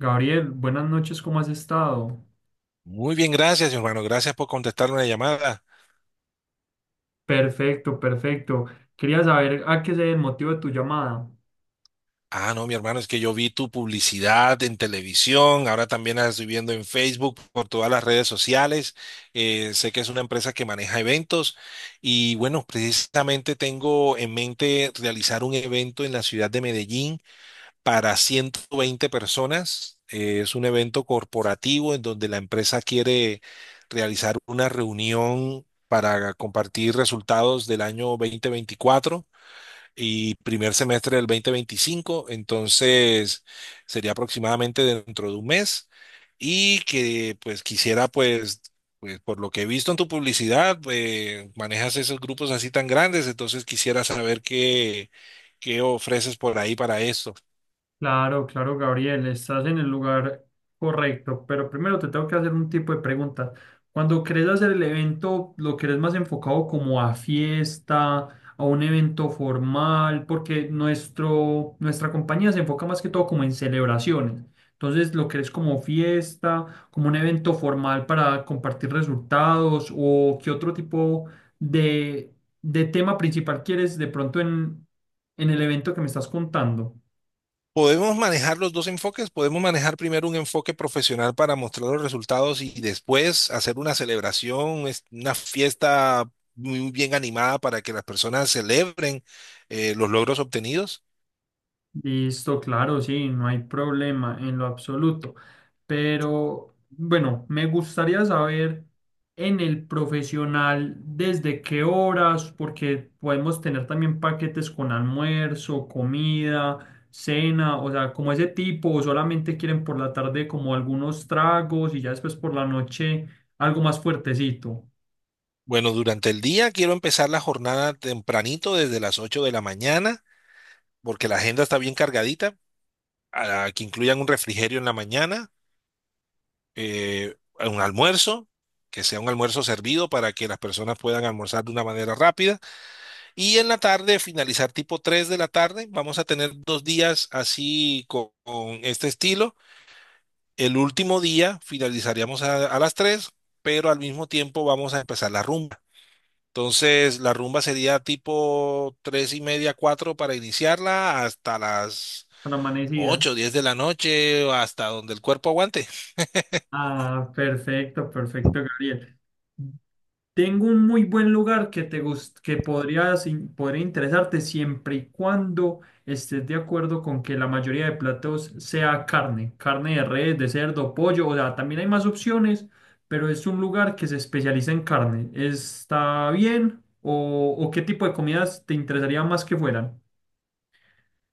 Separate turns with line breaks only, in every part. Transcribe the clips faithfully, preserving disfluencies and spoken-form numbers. Gabriel, buenas noches, ¿cómo has estado?
Muy bien, gracias, mi hermano. Gracias por contestar una llamada.
Perfecto, perfecto. Quería saber a qué se debe el motivo de tu llamada.
Ah, no, mi hermano, es que yo vi tu publicidad en televisión, ahora también la estoy viendo en Facebook, por todas las redes sociales. Eh, sé que es una empresa que maneja eventos y bueno, precisamente tengo en mente realizar un evento en la ciudad de Medellín para ciento veinte personas. Eh, es un evento corporativo en donde la empresa quiere realizar una reunión para compartir resultados del año dos mil veinticuatro y primer semestre del dos mil veinticinco. Entonces sería aproximadamente dentro de un mes y que pues quisiera pues, pues por lo que he visto en tu publicidad, eh, manejas esos grupos así tan grandes, entonces quisiera saber qué, qué ofreces por ahí para esto.
Claro, claro, Gabriel, estás en el lugar correcto, pero primero te tengo que hacer un tipo de preguntas. Cuando querés hacer el evento, ¿lo querés más enfocado como a fiesta, a un evento formal? Porque nuestro, nuestra compañía se enfoca más que todo como en celebraciones. Entonces, ¿lo querés como fiesta, como un evento formal para compartir resultados o qué otro tipo de, de tema principal quieres de pronto en, en el evento que me estás contando?
Podemos manejar los dos enfoques, podemos manejar primero un enfoque profesional para mostrar los resultados y después hacer una celebración, es- una fiesta muy bien animada para que las personas celebren eh, los logros obtenidos.
Listo, claro, sí, no hay problema en lo absoluto. Pero bueno, me gustaría saber en el profesional desde qué horas, porque podemos tener también paquetes con almuerzo, comida, cena, o sea, como ese tipo, o solamente quieren por la tarde como algunos tragos y ya después por la noche algo más fuertecito,
Bueno, durante el día quiero empezar la jornada tempranito desde las ocho de la mañana, porque la agenda está bien cargadita. A- que incluyan un refrigerio en la mañana, eh, un almuerzo, que sea un almuerzo servido para que las personas puedan almorzar de una manera rápida. Y en la tarde, finalizar tipo tres de la tarde. Vamos a tener dos días así con, con este estilo. El último día finalizaríamos a, a las tres, pero al mismo tiempo vamos a empezar la rumba. Entonces, la rumba sería tipo tres y media, cuatro para iniciarla hasta las
para la amanecida.
ocho y diez de la noche, o hasta donde el cuerpo aguante.
Ah, perfecto, perfecto, Gabriel. Tengo un muy buen lugar que te gust- que podrías in- podría interesarte siempre y cuando estés de acuerdo con que la mayoría de platos sea carne, carne de res, de cerdo, pollo, o sea, también hay más opciones, pero es un lugar que se especializa en carne. ¿Está bien? ¿O, o qué tipo de comidas te interesaría más que fueran?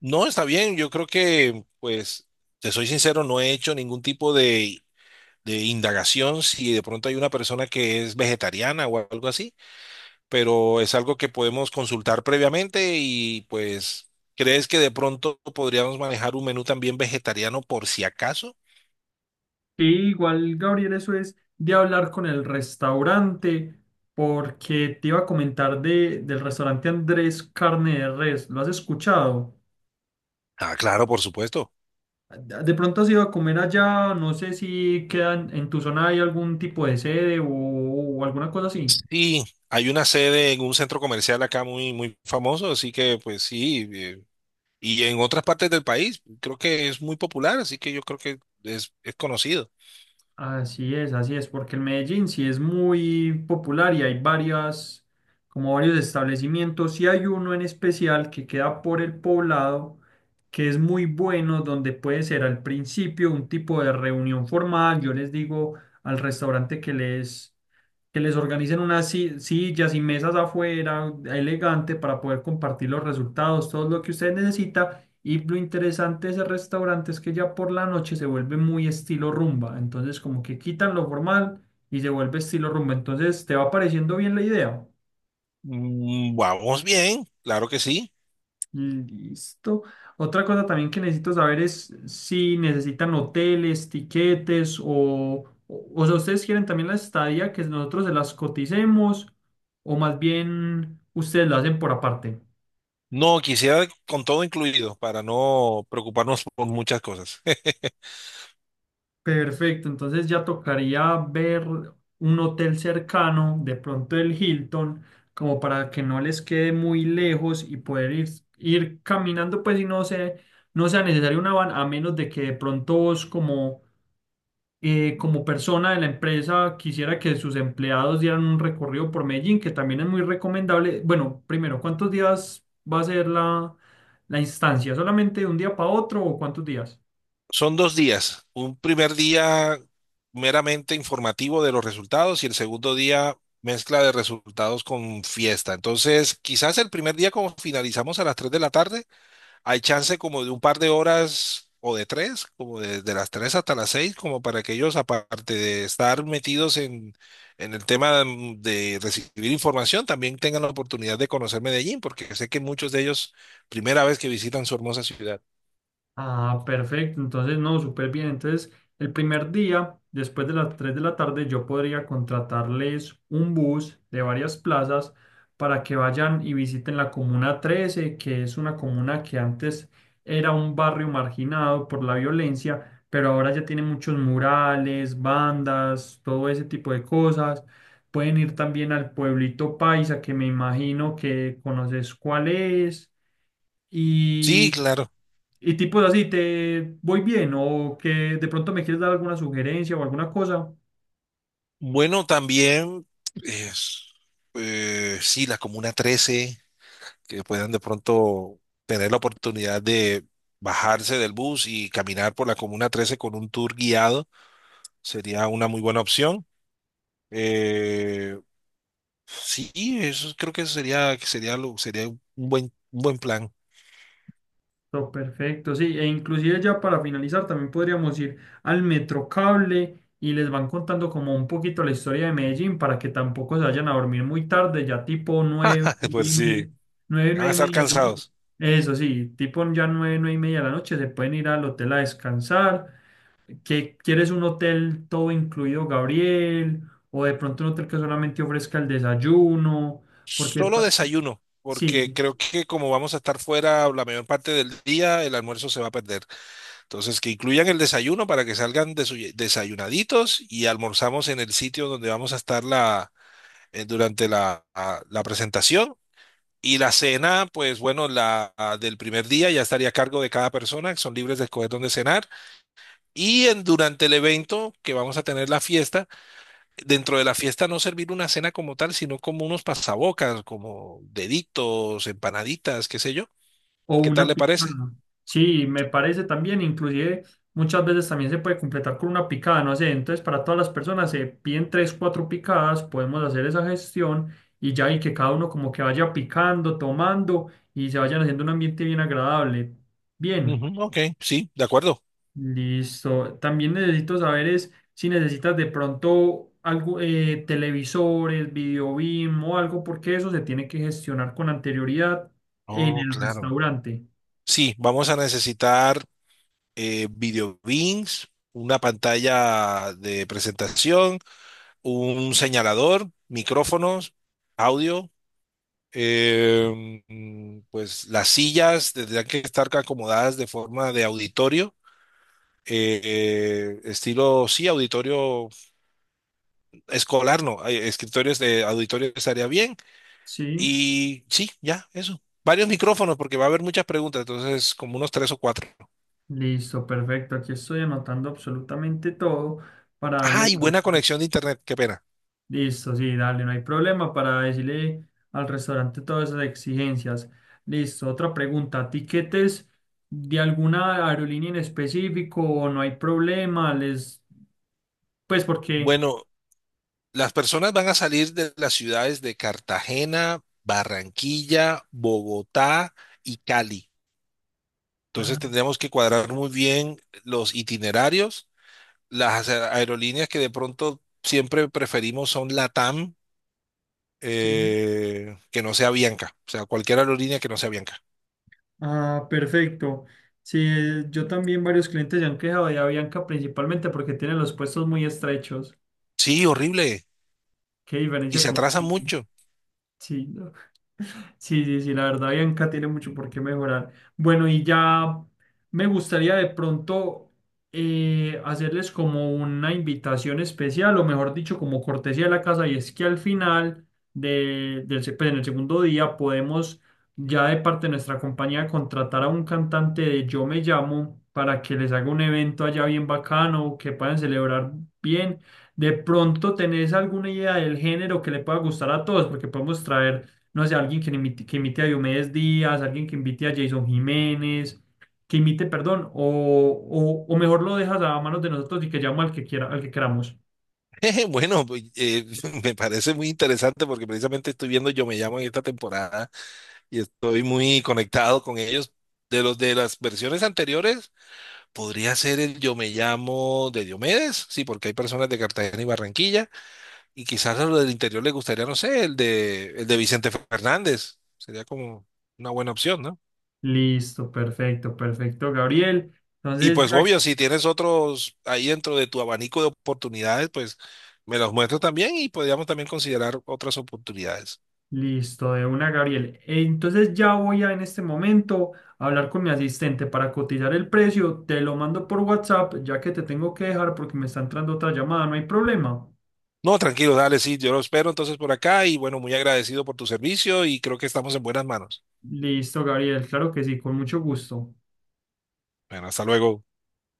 No, está bien, yo creo que, pues, te soy sincero, no he hecho ningún tipo de de indagación si de pronto hay una persona que es vegetariana o algo así, pero es algo que podemos consultar previamente y pues, ¿crees que de pronto podríamos manejar un menú también vegetariano por si acaso?
Sí, igual, Gabriel, eso es de hablar con el restaurante, porque te iba a comentar de, del restaurante Andrés Carne de Res. ¿Lo has escuchado?
Ah, claro, por supuesto.
De pronto has ido a comer allá, no sé si quedan en tu zona hay algún tipo de sede o, o alguna cosa así.
Sí, hay una sede en un centro comercial acá muy, muy famoso, así que pues sí, eh, y en otras partes del país creo que es muy popular, así que yo creo que es, es conocido.
Así es, así es, porque el Medellín sí es muy popular y hay varias, como varios establecimientos, y hay uno en especial que queda por el poblado, que es muy bueno, donde puede ser al principio un tipo de reunión formal. Yo les digo al restaurante que les, que les organicen unas si- sillas y mesas afuera, elegante, para poder compartir los resultados, todo lo que ustedes necesitan y lo interesante de ese restaurante es que ya por la noche se vuelve muy estilo rumba. Entonces, como que quitan lo formal y se vuelve estilo rumba. Entonces, ¿te va pareciendo bien la idea?
Mm, Vamos bien, claro que sí.
Listo. Otra cosa también que necesito saber es si necesitan hoteles, tiquetes o, o, o sea, ustedes quieren también la estadía que nosotros se las coticemos o más bien ustedes la hacen por aparte.
No, quisiera con todo incluido para no preocuparnos por muchas cosas.
Perfecto, entonces ya tocaría ver un hotel cercano, de pronto el Hilton, como para que no les quede muy lejos y poder ir, ir caminando, pues y no se- no sea necesario una van, a menos de que de pronto vos como, eh, como persona de la empresa quisiera que sus empleados dieran un recorrido por Medellín, que también es muy recomendable. Bueno, primero, ¿cuántos días va a ser la, la instancia? ¿Solamente de un día para otro o cuántos días?
Son dos días. Un primer día meramente informativo de los resultados y el segundo día mezcla de resultados con fiesta. Entonces, quizás el primer día como finalizamos a las tres de la tarde, hay chance como de un par de horas o de tres, como de, de las tres hasta las seis, como para que ellos, aparte de estar metidos en, en el tema, mm, de recibir información, también tengan la oportunidad de conocer Medellín, porque sé que muchos de ellos, primera vez que visitan su hermosa ciudad.
Ah, perfecto. Entonces, no, súper bien. Entonces, el primer día, después de las tres de la tarde, yo podría contratarles un bus de varias plazas para que vayan y visiten la Comuna Trece, que es una comuna que antes era un barrio marginado por la violencia, pero ahora ya tiene muchos murales, bandas, todo ese tipo de cosas. Pueden ir también al pueblito Paisa, que me imagino que conoces cuál es.
Sí,
Y
claro.
y tipo así, ¿te voy bien? ¿O que de pronto me quieres dar alguna sugerencia o alguna cosa?
Bueno, también, es, eh, sí, la Comuna trece, que puedan de pronto tener la oportunidad de bajarse del bus y caminar por la Comuna trece con un tour guiado. Sería una muy buena opción. Eh, sí, eso creo que sería, que sería, lo- sería un buen, un buen plan.
Pero perfecto, sí. E inclusive ya para finalizar también podríamos ir al Metrocable y les van contando como un poquito la historia de Medellín para que tampoco se vayan a dormir muy tarde, ya tipo nueve, nueve
Pues
y media,
sí,
nueve,
van
nueve
a
y
estar
media de la noche.
cansados.
Eso sí, tipo ya nueve, nueve y media de la noche se pueden ir al hotel a descansar. ¿Qué- quieres un hotel todo incluido, Gabriel? O de pronto un hotel que solamente ofrezca el desayuno, porque
Solo
pa-
desayuno, porque
sí,
creo que como vamos a estar fuera la mayor parte del día, el almuerzo se va a perder. Entonces, que incluyan el desayuno para que salgan desu- desayunaditos y almorzamos en el sitio donde vamos a estar la, eh, durante la, a- la presentación. Y la cena, pues bueno, la ah, del primer día ya estaría a cargo de cada persona, son libres de escoger dónde cenar. Y en- durante el evento que vamos a tener la fiesta, dentro de la fiesta no servir una cena como tal, sino como unos pasabocas, como deditos, empanaditas, qué sé yo.
o
¿Qué tal
una
le parece?
picada. Sí, me parece también, inclusive muchas veces también se puede completar con una picada, no sé, entonces para todas las personas se piden tres, cuatro picadas, podemos hacer esa gestión y ya y que cada uno como que vaya picando, tomando y se vayan haciendo un ambiente bien agradable. Bien.
Ujú, ok, sí, de acuerdo.
Listo. También necesito saber es si necesitas de pronto algo, eh, televisores, video BIM o algo, porque eso se tiene que gestionar con anterioridad en
Oh,
el
claro.
restaurante.
Sí, vamos a necesitar eh, video beams, una pantalla de presentación, un señalador, micrófonos, audio. Eh, mm, pues las sillas tendrían que estar acomodadas de forma de auditorio, eh, eh, estilo, sí, auditorio escolar, no, eh, escritorios de auditorio estaría bien.
Sí,
Y sí, ya, eso. Varios micrófonos, porque va a haber muchas preguntas, entonces como unos tres o cuatro.
listo, perfecto. Aquí estoy anotando absolutamente todo para darle.
Ay, buena conexión de internet, qué pena.
Listo, sí, dale, no hay problema para decirle al restaurante todas esas exigencias. Listo, otra pregunta. ¿Tiquetes de alguna aerolínea en específico o no hay problema? Les pues porque,
Bueno, las personas van a salir de las ciudades de Cartagena, Barranquilla, Bogotá y Cali. Entonces
ah,
tendríamos que cuadrar muy bien los itinerarios. Las a- aerolíneas que de pronto siempre preferimos son LATAM,
sí.
eh, que no sea Bianca. O sea, cualquier aerolínea que no sea Bianca.
Ah, perfecto. Sí, eh, yo también varios clientes se han quejado de Avianca principalmente porque tienen los puestos muy estrechos.
Sí, horrible.
Qué
Y
diferencia
se atrasan
conmigo.
mucho.
Sí, no. Sí, sí, sí, la verdad, Bianca tiene mucho por qué mejorar. Bueno, y ya me gustaría de pronto eh, hacerles como una invitación especial, o mejor dicho, como cortesía de la casa, y es que al final de, del, se- pues, en el segundo día podemos ya de parte de nuestra compañía contratar a un cantante de Yo Me Llamo para que les haga un evento allá bien bacano, que puedan celebrar bien de pronto tenés alguna idea del género que le pueda gustar a todos, porque podemos traer, no sé, alguien que imite, que imite a Diomedes Díaz, alguien que invite a Jason Jiménez, que imite, perdón, o, o, o mejor lo dejas a manos de nosotros y que llamo al que quiera, al que queramos.
Bueno, pues, eh, me parece muy interesante porque precisamente estoy viendo Yo Me Llamo en esta temporada y estoy muy conectado con ellos. De los de las versiones anteriores, podría ser el Yo Me Llamo de Diomedes, sí, porque hay personas de Cartagena y Barranquilla. Y quizás a lo del interior le gustaría, no sé, el de, el de Vicente Fernández. Sería como una buena opción, ¿no?
Listo, perfecto, perfecto, Gabriel.
Y
Entonces,
pues
ya-
obvio, si tienes otros ahí dentro de tu abanico de oportunidades, pues me los muestro también y podríamos también considerar otras oportunidades.
listo, de una, Gabriel. Eh, Entonces ya voy a en este momento a hablar con mi asistente para cotizar el precio. Te lo mando por WhatsApp, ya que te tengo que dejar porque me está entrando otra llamada, no hay problema.
No, tranquilo, dale, sí, yo lo espero entonces por acá y bueno, muy agradecido por tu servicio y creo que estamos en buenas manos.
Listo, Gabriel, claro que sí, con mucho gusto.
Bueno, hasta luego.